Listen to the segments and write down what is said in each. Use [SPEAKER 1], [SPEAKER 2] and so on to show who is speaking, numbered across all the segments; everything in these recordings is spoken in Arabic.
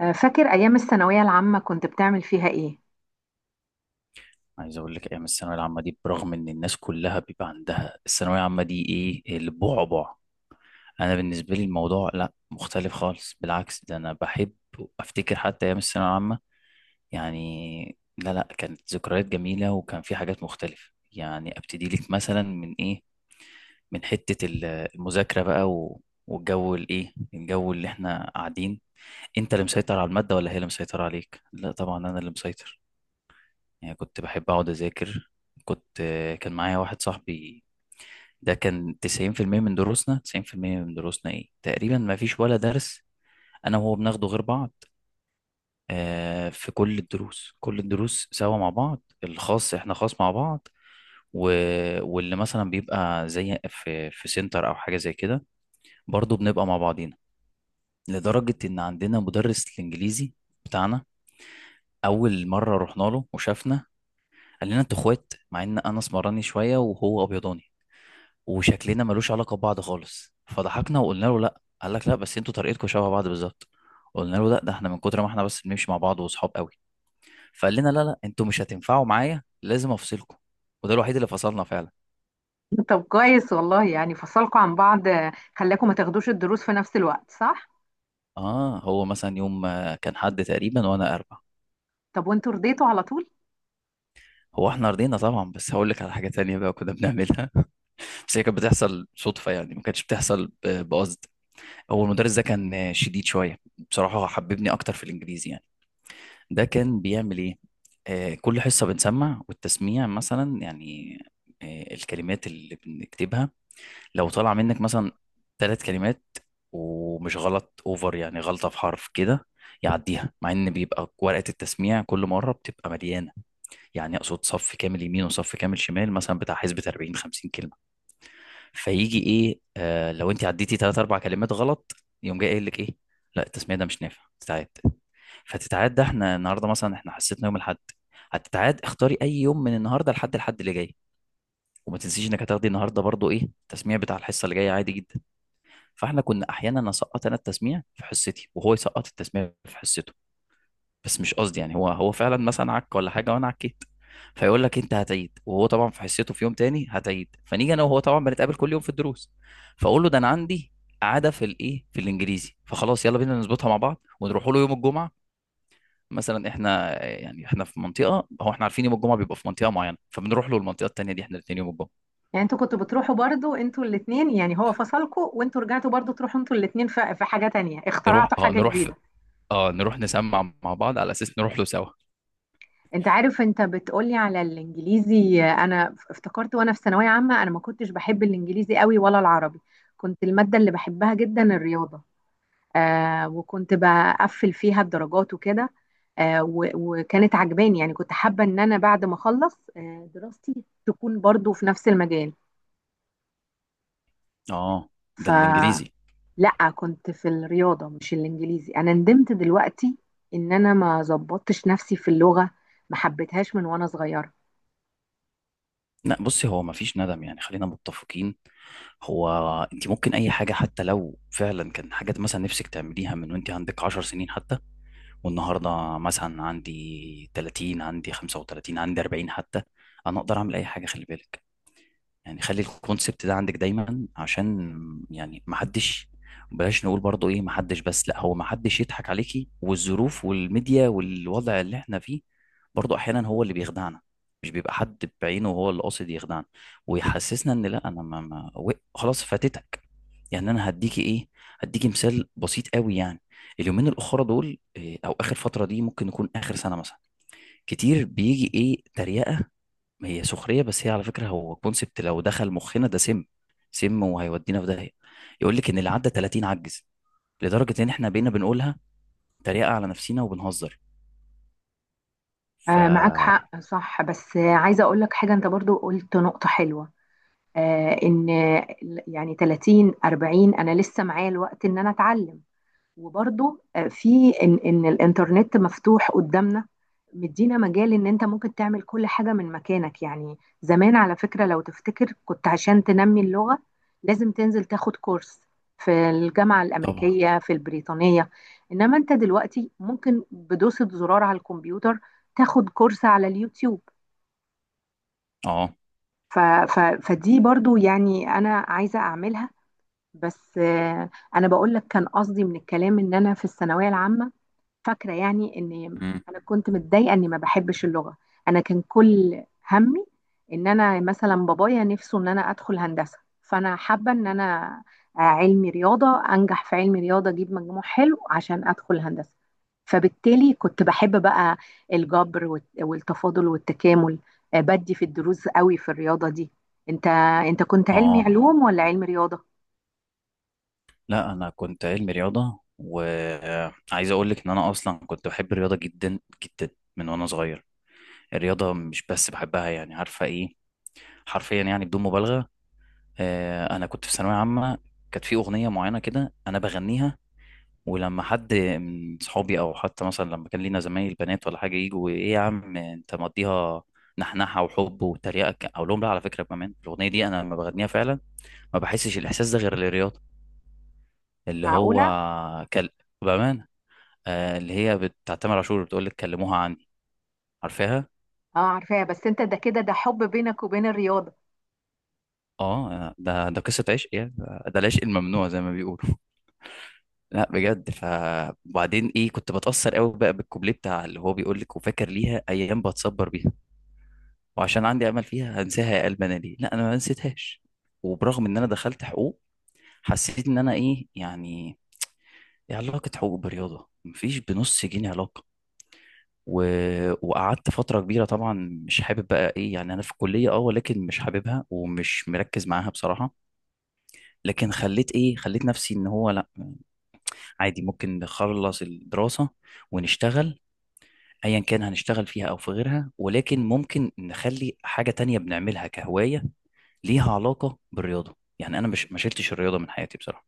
[SPEAKER 1] فاكر أيام الثانوية العامة كنت بتعمل فيها إيه؟
[SPEAKER 2] عايز اقول لك ايام الثانويه العامه دي، برغم ان الناس كلها بيبقى عندها الثانويه العامه دي ايه البعبع، انا بالنسبه لي الموضوع لا مختلف خالص. بالعكس، ده انا بحب افتكر حتى ايام الثانويه العامه. يعني لا لا، كانت ذكريات جميله وكان في حاجات مختلفه. يعني ابتدي لك مثلا من حته المذاكره بقى والجو الجو اللي احنا قاعدين، انت اللي مسيطر على الماده ولا هي اللي مسيطره عليك؟ لا طبعا انا اللي مسيطر. يعني كنت بحب أقعد أذاكر. كنت كان معايا واحد صاحبي، ده كان 90% من دروسنا. 90% من دروسنا تقريبا ما فيش ولا درس أنا وهو بناخده غير بعض. آه، في كل الدروس، كل الدروس سوا مع بعض. الخاص إحنا خاص مع بعض. و... واللي مثلا بيبقى زي في سنتر أو حاجة زي كده، برضه بنبقى مع بعضينا. لدرجة إن عندنا مدرس الإنجليزي بتاعنا، أول مرة رحنا له وشافنا قال لنا أنتوا إخوات، مع إن أنا اسمراني شوية وهو أبيضاني وشكلنا ملوش علاقه ببعض خالص. فضحكنا وقلنا له لا. قال لك لا، بس انتوا طريقتكم شبه بعض بالظبط. قلنا له لا، ده احنا من كتر ما احنا بس بنمشي مع بعض واصحاب قوي. فقال لنا لا لا، انتوا مش هتنفعوا معايا، لازم افصلكم. وده الوحيد اللي فصلنا فعلا.
[SPEAKER 1] طب كويس والله، يعني فصلكوا عن بعض، خلاكوا ما تاخدوش الدروس في نفس الوقت، صح؟
[SPEAKER 2] اه، هو مثلا يوم كان حد تقريبا وانا اربع.
[SPEAKER 1] طب، وانتوا رضيتوا على طول؟
[SPEAKER 2] هو احنا رضينا طبعا، بس هقول لك على حاجه تانية بقى كنا بنعملها. بس هي كانت بتحصل صدفه، يعني ما كانتش بتحصل بقصد. هو المدرس ده كان شديد شويه. بصراحه هو حببني اكتر في الانجليزي يعني. ده كان بيعمل ايه؟ كل حصه بنسمع والتسميع مثلا، يعني الكلمات اللي بنكتبها لو طالع منك مثلا ثلاث كلمات، ومش غلط اوفر، يعني غلطه في حرف كده، يعديها، مع ان بيبقى ورقه التسميع كل مره بتبقى مليانه. يعني اقصد صف كامل يمين وصف كامل شمال مثلا، بتاع حسبة 40 50 كلمه. فيجي ايه آه لو انت عديتي ثلاث اربع كلمات غلط، يقوم جاي قايل لك ايه؟ لا، التسميه ده مش نافع، تتعاد. فتتعاد، ده احنا النهارده مثلا، احنا حسيتنا يوم الاحد هتتعاد. اختاري اي يوم من النهارده لحد الحد اللي جاي، وما تنسيش انك هتاخدي النهارده برضو ايه التسميع بتاع الحصه اللي جايه عادي جدا. فاحنا كنا احيانا اسقط انا التسميع في حصتي وهو يسقط التسميع في حصته. بس مش قصدي يعني، هو فعلا مثلا عك ولا حاجه وانا عكيت، فيقول لك انت هتعيد. وهو طبعا في حصته في يوم تاني هتعيد. فنيجي انا وهو، طبعا بنتقابل كل يوم في الدروس، فاقول له ده انا عندي عاده في في الانجليزي. فخلاص يلا بينا نظبطها مع بعض ونروح له يوم الجمعه. مثلا احنا، في منطقه، هو احنا عارفين يوم الجمعه بيبقى في منطقه معينه، فبنروح له المنطقه التانيه دي احنا الاثنين يوم الجمعه.
[SPEAKER 1] يعني انتوا كنتوا بتروحوا برضو انتوا الاتنين، يعني هو فصلكوا وانتوا رجعتوا برضو تروحوا انتوا الاتنين، في حاجة تانية،
[SPEAKER 2] نروح،
[SPEAKER 1] اخترعتوا حاجة
[SPEAKER 2] نروح في،
[SPEAKER 1] جديدة.
[SPEAKER 2] اه نروح نسمع مع بعض على اساس نروح له سوا.
[SPEAKER 1] انت عارف، انت بتقولي على الانجليزي. انا افتكرت وانا في ثانوية عامة، انا ما كنتش بحب الانجليزي قوي ولا العربي. كنت المادة اللي بحبها جدا الرياضة. وكنت بقفل فيها الدرجات وكده. وكانت عجباني، يعني كنت حابة ان انا بعد ما اخلص دراستي تكون برضو في نفس المجال.
[SPEAKER 2] اه، ده الانجليزي.
[SPEAKER 1] فلا، كنت في الرياضة مش الانجليزي. انا ندمت دلوقتي ان انا ما ظبطتش نفسي في اللغة، ما حبيتهاش من وانا صغيرة.
[SPEAKER 2] لا بصي، هو مفيش ندم، يعني خلينا متفقين. هو انت ممكن اي حاجه، حتى لو فعلا كان حاجات مثلا نفسك تعمليها من وانت عندك 10 سنين حتى، والنهارده مثلا عندي 30، عندي 35، عندي 40 حتى، انا اقدر اعمل اي حاجه. خلي بالك، يعني خلي الكونسبت ده عندك دايما، عشان يعني ما حدش بلاش نقول برضو ايه ما حدش، بس لا، هو ما حدش يضحك عليكي. والظروف والميديا والوضع اللي احنا فيه برضو احيانا هو اللي بيخدعنا. مش بيبقى حد بعينه هو اللي قاصد يخدعنا ويحسسنا ان لا انا ما, ما و- خلاص فاتتك. يعني انا هديكي مثال بسيط قوي يعني. اليومين الاخرى دول او اخر فتره دي، ممكن يكون اخر سنه مثلا، كتير بيجي تريقه. هي سخريه، بس هي على فكره هو كونسبت لو دخل مخنا ده سم، سم وهيودينا في داهيه. يقول لك ان اللي عدى 30 عجز، لدرجه ان احنا بقينا بنقولها تريقه على نفسنا وبنهزر. ف
[SPEAKER 1] معاك حق، صح. بس عايزة اقول لك حاجة، انت برضو قلت نقطة حلوة. ان يعني 30 40، انا لسه معايا الوقت ان انا اتعلم. وبرضه في ان الانترنت مفتوح قدامنا، مدينا مجال ان انت ممكن تعمل كل حاجه من مكانك. يعني زمان، على فكره، لو تفتكر، كنت عشان تنمي اللغه لازم تنزل تاخد كورس في الجامعه
[SPEAKER 2] طبعا.
[SPEAKER 1] الامريكيه، في البريطانيه. انما انت دلوقتي ممكن بدوسه زرار على الكمبيوتر تاخد كورس على اليوتيوب.
[SPEAKER 2] اه.
[SPEAKER 1] ف ف فدي برضو، يعني انا عايزه اعملها. بس انا بقول لك كان قصدي من الكلام ان انا في الثانويه العامه فاكرة. يعني إن
[SPEAKER 2] مم.
[SPEAKER 1] أنا كنت متضايقة إني ما بحبش اللغة. أنا كان كل همي إن أنا مثلا بابايا نفسه إن أنا أدخل هندسة، فأنا حابة إن أنا علمي رياضة، أنجح في علمي رياضة، أجيب مجموع حلو عشان أدخل هندسة. فبالتالي كنت بحب بقى الجبر والتفاضل والتكامل. بدي في الدروس قوي في الرياضة دي. انت انت كنت علمي
[SPEAKER 2] اه
[SPEAKER 1] علوم ولا علمي رياضة؟
[SPEAKER 2] لا، انا كنت علمي رياضه. وعايز اقول لك ان انا اصلا كنت بحب الرياضه جدا جدا من وانا صغير. الرياضه مش بس بحبها، يعني عارفه ايه، حرفيا يعني بدون مبالغه. انا كنت في ثانويه عامه، كانت في اغنيه معينه كده انا بغنيها، ولما حد من صحابي او حتى مثلا لما كان لينا زمايل بنات ولا حاجه يجوا ايه يا عم انت مقضيها، نحنحه وحب وتريقه، اقول لهم لا، على فكره كمان الاغنيه دي انا لما بغنيها فعلا ما بحسش الاحساس ده غير للرياضه. اللي هو
[SPEAKER 1] معقولة؟
[SPEAKER 2] كل بامان، آه اللي هي بتاعت تامر عاشور، بتقول لك كلموها عني. عارفاها؟
[SPEAKER 1] اه، عارفاها. بس انت ده كده، ده حب بينك وبين الرياضة.
[SPEAKER 2] اه، ده قصه عشق يعني، ده العشق الممنوع زي ما بيقولوا. لا بجد. وبعدين كنت بتاثر قوي بقى بالكوبليه بتاع اللي هو بيقول لك: وفاكر ليها ايام بتصبر بيها، وعشان عندي امل فيها هنساها يا قلب انا ليه؟ لا انا ما نسيتهاش. وبرغم ان انا دخلت حقوق، حسيت ان انا يعني ايه علاقه حقوق برياضه؟ مفيش بنص جنيه علاقه. و... وقعدت فتره كبيره طبعا مش حابب بقى يعني انا في الكليه اه، ولكن مش حاببها ومش مركز معاها بصراحه. لكن خليت خليت نفسي ان هو لا، عادي، ممكن نخلص الدراسه ونشتغل، ايا كان هنشتغل فيها او في غيرها. ولكن ممكن نخلي حاجه تانية بنعملها كهوايه ليها علاقه بالرياضه. يعني انا مش ما شلتش الرياضه من حياتي بصراحه.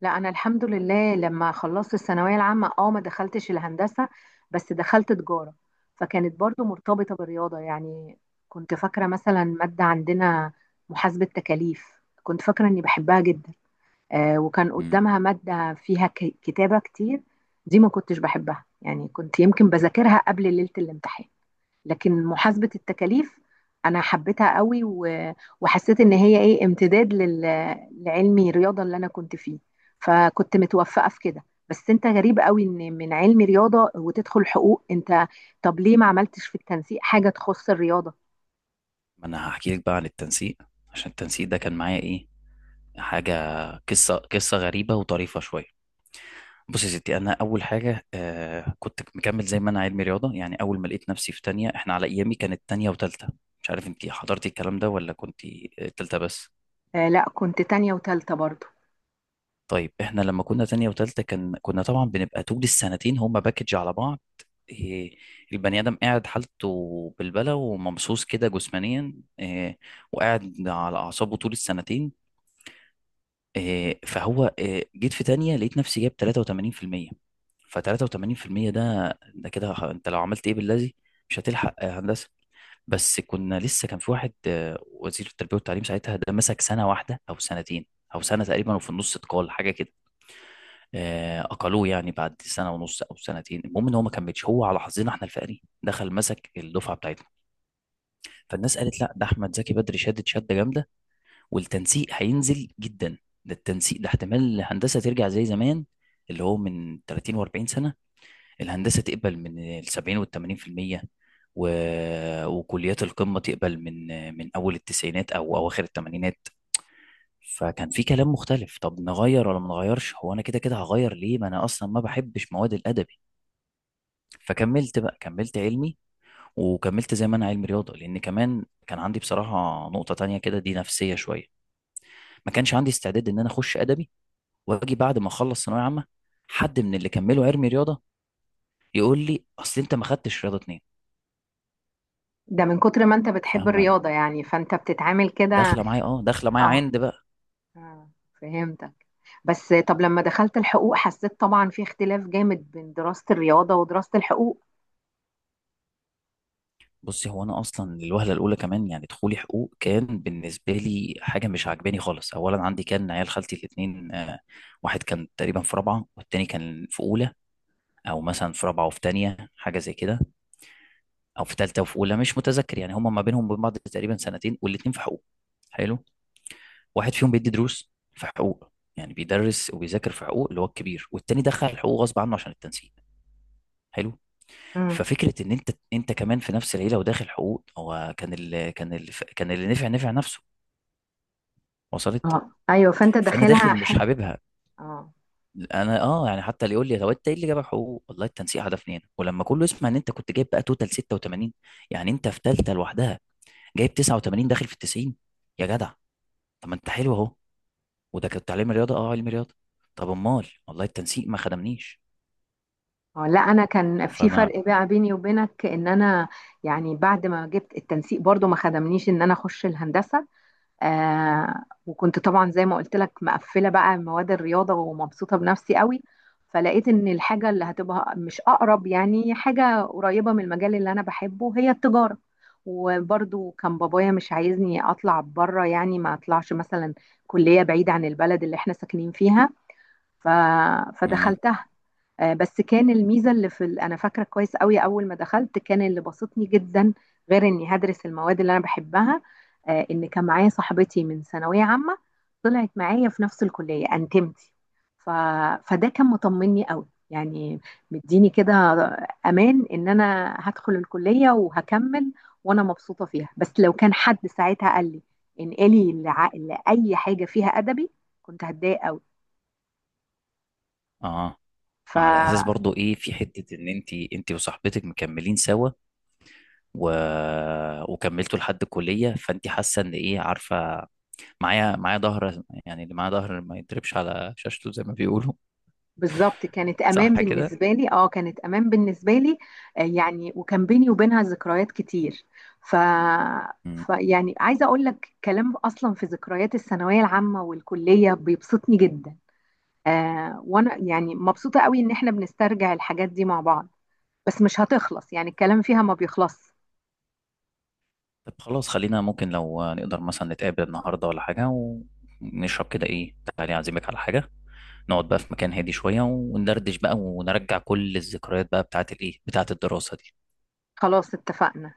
[SPEAKER 1] لا، انا الحمد لله لما خلصت الثانويه العامه، اه، ما دخلتش الهندسه، بس دخلت تجاره، فكانت برضو مرتبطه بالرياضه يعني. كنت فاكره مثلا ماده عندنا، محاسبه تكاليف، كنت فاكره اني بحبها جدا. وكان
[SPEAKER 2] مم.
[SPEAKER 1] قدامها ماده فيها كتابه كتير، دي ما كنتش بحبها، يعني كنت يمكن بذاكرها قبل ليله الامتحان. لكن محاسبة التكاليف انا حبيتها قوي. وحسيت ان هي ايه امتداد لعلمي رياضة اللي انا كنت فيه، فكنت متوفقة في كده. بس انت غريب قوي، ان من علم رياضة وتدخل حقوق. انت طب ليه ما عملتش في التنسيق حاجة تخص الرياضة؟
[SPEAKER 2] ما انا هحكي لك بقى عن التنسيق. عشان التنسيق ده كان معايا حاجه، قصه غريبه وطريفه شويه. بص يا ستي، انا اول حاجه كنت مكمل زي ما انا علمي رياضه. يعني اول ما لقيت نفسي في تانية، احنا على ايامي كانت تانية وتالتة، مش عارف انت حضرتي الكلام ده ولا كنت تالتة بس.
[SPEAKER 1] لا، كنت تانية وتالتة برضو.
[SPEAKER 2] طيب احنا لما كنا تانية وتالتة، كنا طبعا بنبقى طول السنتين هما باكج على بعض. إيه، البني آدم قاعد حالته بالبلة وممسوس كده جسمانيا، وقاعد على أعصابه طول السنتين. فهو جيت في تانية لقيت نفسي جايب 83%. ف 83% ده كده أنت لو عملت باللذي مش هتلحق هندسة. بس كنا لسه، كان في واحد وزير التربية والتعليم ساعتها، ده مسك سنة واحدة أو سنتين، أو سنة تقريبا، وفي النص اتقال حاجة كده. اقلوه يعني بعد سنه ونص او سنتين. المهم ان هو ما كملش. هو على حظنا احنا الفقري دخل مسك الدفعه بتاعتنا، فالناس قالت لا، ده احمد زكي بدري شدت شده جامده والتنسيق هينزل جدا. ده التنسيق ده احتمال الهندسه ترجع زي زمان، اللي هو من 30 و40 سنه، الهندسه تقبل من ال 70 وال 80%، و... وكليات القمه تقبل من اول التسعينات او اواخر الثمانينات. فكان في كلام مختلف، طب نغير ولا ما نغيرش؟ هو انا كده كده هغير ليه، ما انا اصلا ما بحبش مواد الادب. فكملت بقى، كملت علمي. وكملت زي ما انا علمي رياضه، لان كمان كان عندي بصراحه نقطه تانية كده، دي نفسيه شويه. ما كانش عندي استعداد ان انا اخش ادبي واجي بعد ما اخلص ثانويه عامه، حد من اللي كملوا علمي رياضه يقول لي اصل انت ما خدتش رياضه اتنين.
[SPEAKER 1] ده من كتر ما انت بتحب
[SPEAKER 2] فاهمه؟
[SPEAKER 1] الرياضة، يعني فانت بتتعامل كده.
[SPEAKER 2] داخله معايا
[SPEAKER 1] اه.
[SPEAKER 2] عند بقى.
[SPEAKER 1] آه، فهمتك. بس طب لما دخلت الحقوق حسيت طبعا في اختلاف جامد بين دراسة الرياضة ودراسة الحقوق.
[SPEAKER 2] بصي، هو انا اصلا الوهله الاولى كمان، يعني دخولي حقوق كان بالنسبه لي حاجه مش عاجباني خالص. اولا، عندي كان عيال خالتي الاثنين، واحد كان تقريبا في رابعه والتاني كان في اولى، او مثلا في رابعه وفي تانية حاجه زي كده، او في تالتة وفي اولى، مش متذكر. يعني هم ما بينهم وبين بعض تقريبا سنتين والاتنين في حقوق. حلو. واحد فيهم بيدي دروس في حقوق، يعني بيدرس وبيذاكر في حقوق، اللي هو الكبير. والتاني دخل حقوق غصب عنه عشان التنسيق. حلو.
[SPEAKER 1] مم.
[SPEAKER 2] ففكره ان انت، كمان في نفس العيله وداخل حقوق. هو كان اللي نفع نفسه. وصلت؟
[SPEAKER 1] اه، ايوه، فانت
[SPEAKER 2] فانا
[SPEAKER 1] داخلها
[SPEAKER 2] داخل مش حاببها.
[SPEAKER 1] اه،
[SPEAKER 2] انا اه، يعني حتى اللي يقول لي طب انت ايه اللي جابك حقوق؟ والله التنسيق هدفني هنا. ولما كله يسمع ان انت كنت جايب بقى توتال 86، يعني انت في ثالثه لوحدها جايب 89، داخل في ال 90، يا جدع طب ما انت حلو اهو. وده كنت علم رياضه، اه علم رياضه. طب امال، والله التنسيق ما خدمنيش.
[SPEAKER 1] اه، لا، انا كان في
[SPEAKER 2] فانا
[SPEAKER 1] فرق بقى بيني وبينك ان انا، يعني بعد ما جبت التنسيق برضو ما خدمنيش ان انا اخش الهندسه. وكنت طبعا زي ما قلت لك مقفله بقى مواد الرياضه ومبسوطه بنفسي قوي. فلقيت ان الحاجه اللي هتبقى مش اقرب، يعني حاجه قريبه من المجال اللي انا بحبه، هي التجاره. وبرضو كان بابايا مش عايزني اطلع بره، يعني ما اطلعش مثلا كليه بعيده عن البلد اللي احنا ساكنين فيها. ف...
[SPEAKER 2] امم
[SPEAKER 1] فدخلتها. بس كان الميزه اللي في انا فاكره كويس قوي، اول ما دخلت كان اللي بسطني جدا، غير اني هدرس المواد اللي انا بحبها ان كان معايا صاحبتي من ثانويه عامه طلعت معايا في نفس الكليه انتمتي. ف... فده كان مطمني قوي، يعني مديني كده امان ان انا هدخل الكليه وهكمل وانا مبسوطه فيها. بس لو كان حد ساعتها قال لي انقلي لاي حاجه فيها ادبي، كنت هتضايق قوي.
[SPEAKER 2] اه.
[SPEAKER 1] ف...
[SPEAKER 2] على اساس برضو ايه في حته ان انت وصاحبتك مكملين سوا، و... وكملتوا لحد الكليه، فانت حاسه ان ايه، عارفه معايا ظهر، يعني اللي معاه ظهر ما يضربش على شاشته زي ما بيقولوا.
[SPEAKER 1] بالظبط، كانت امان
[SPEAKER 2] صح كده؟
[SPEAKER 1] بالنسبه لي. اه، كانت امان بالنسبه لي. يعني وكان بيني وبينها ذكريات كتير. ف
[SPEAKER 2] مم.
[SPEAKER 1] ف يعني عايزه اقول لك كلام، اصلا في ذكريات الثانويه العامه والكليه بيبسطني جدا. وانا يعني مبسوطه قوي ان احنا بنسترجع الحاجات دي مع بعض. بس مش هتخلص، يعني الكلام فيها ما بيخلص.
[SPEAKER 2] طب خلاص، خلينا ممكن لو نقدر مثلا نتقابل النهارده ولا حاجه، ونشرب كده تعالي اعزمك على حاجه، نقعد بقى في مكان هادي شوية وندردش بقى ونرجع كل الذكريات بقى بتاعت الإيه بتاعت الدراسة دي.
[SPEAKER 1] خلاص، اتفقنا.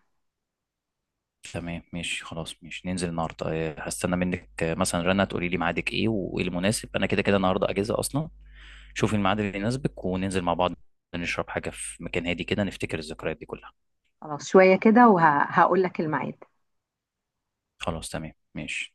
[SPEAKER 2] تمام ماشي، خلاص ماشي، ننزل النهاردة. هستنى منك مثلا رنا تقولي لي ميعادك إيه وإيه المناسب. أنا كده كده النهاردة أجازة أصلا. شوفي الميعاد اللي يناسبك وننزل مع بعض، نشرب حاجة في مكان هادي كده، نفتكر الذكريات دي كلها.
[SPEAKER 1] خلاص، شويه كده وهقول لك الميعاد.
[SPEAKER 2] خلاص تمام ماشي.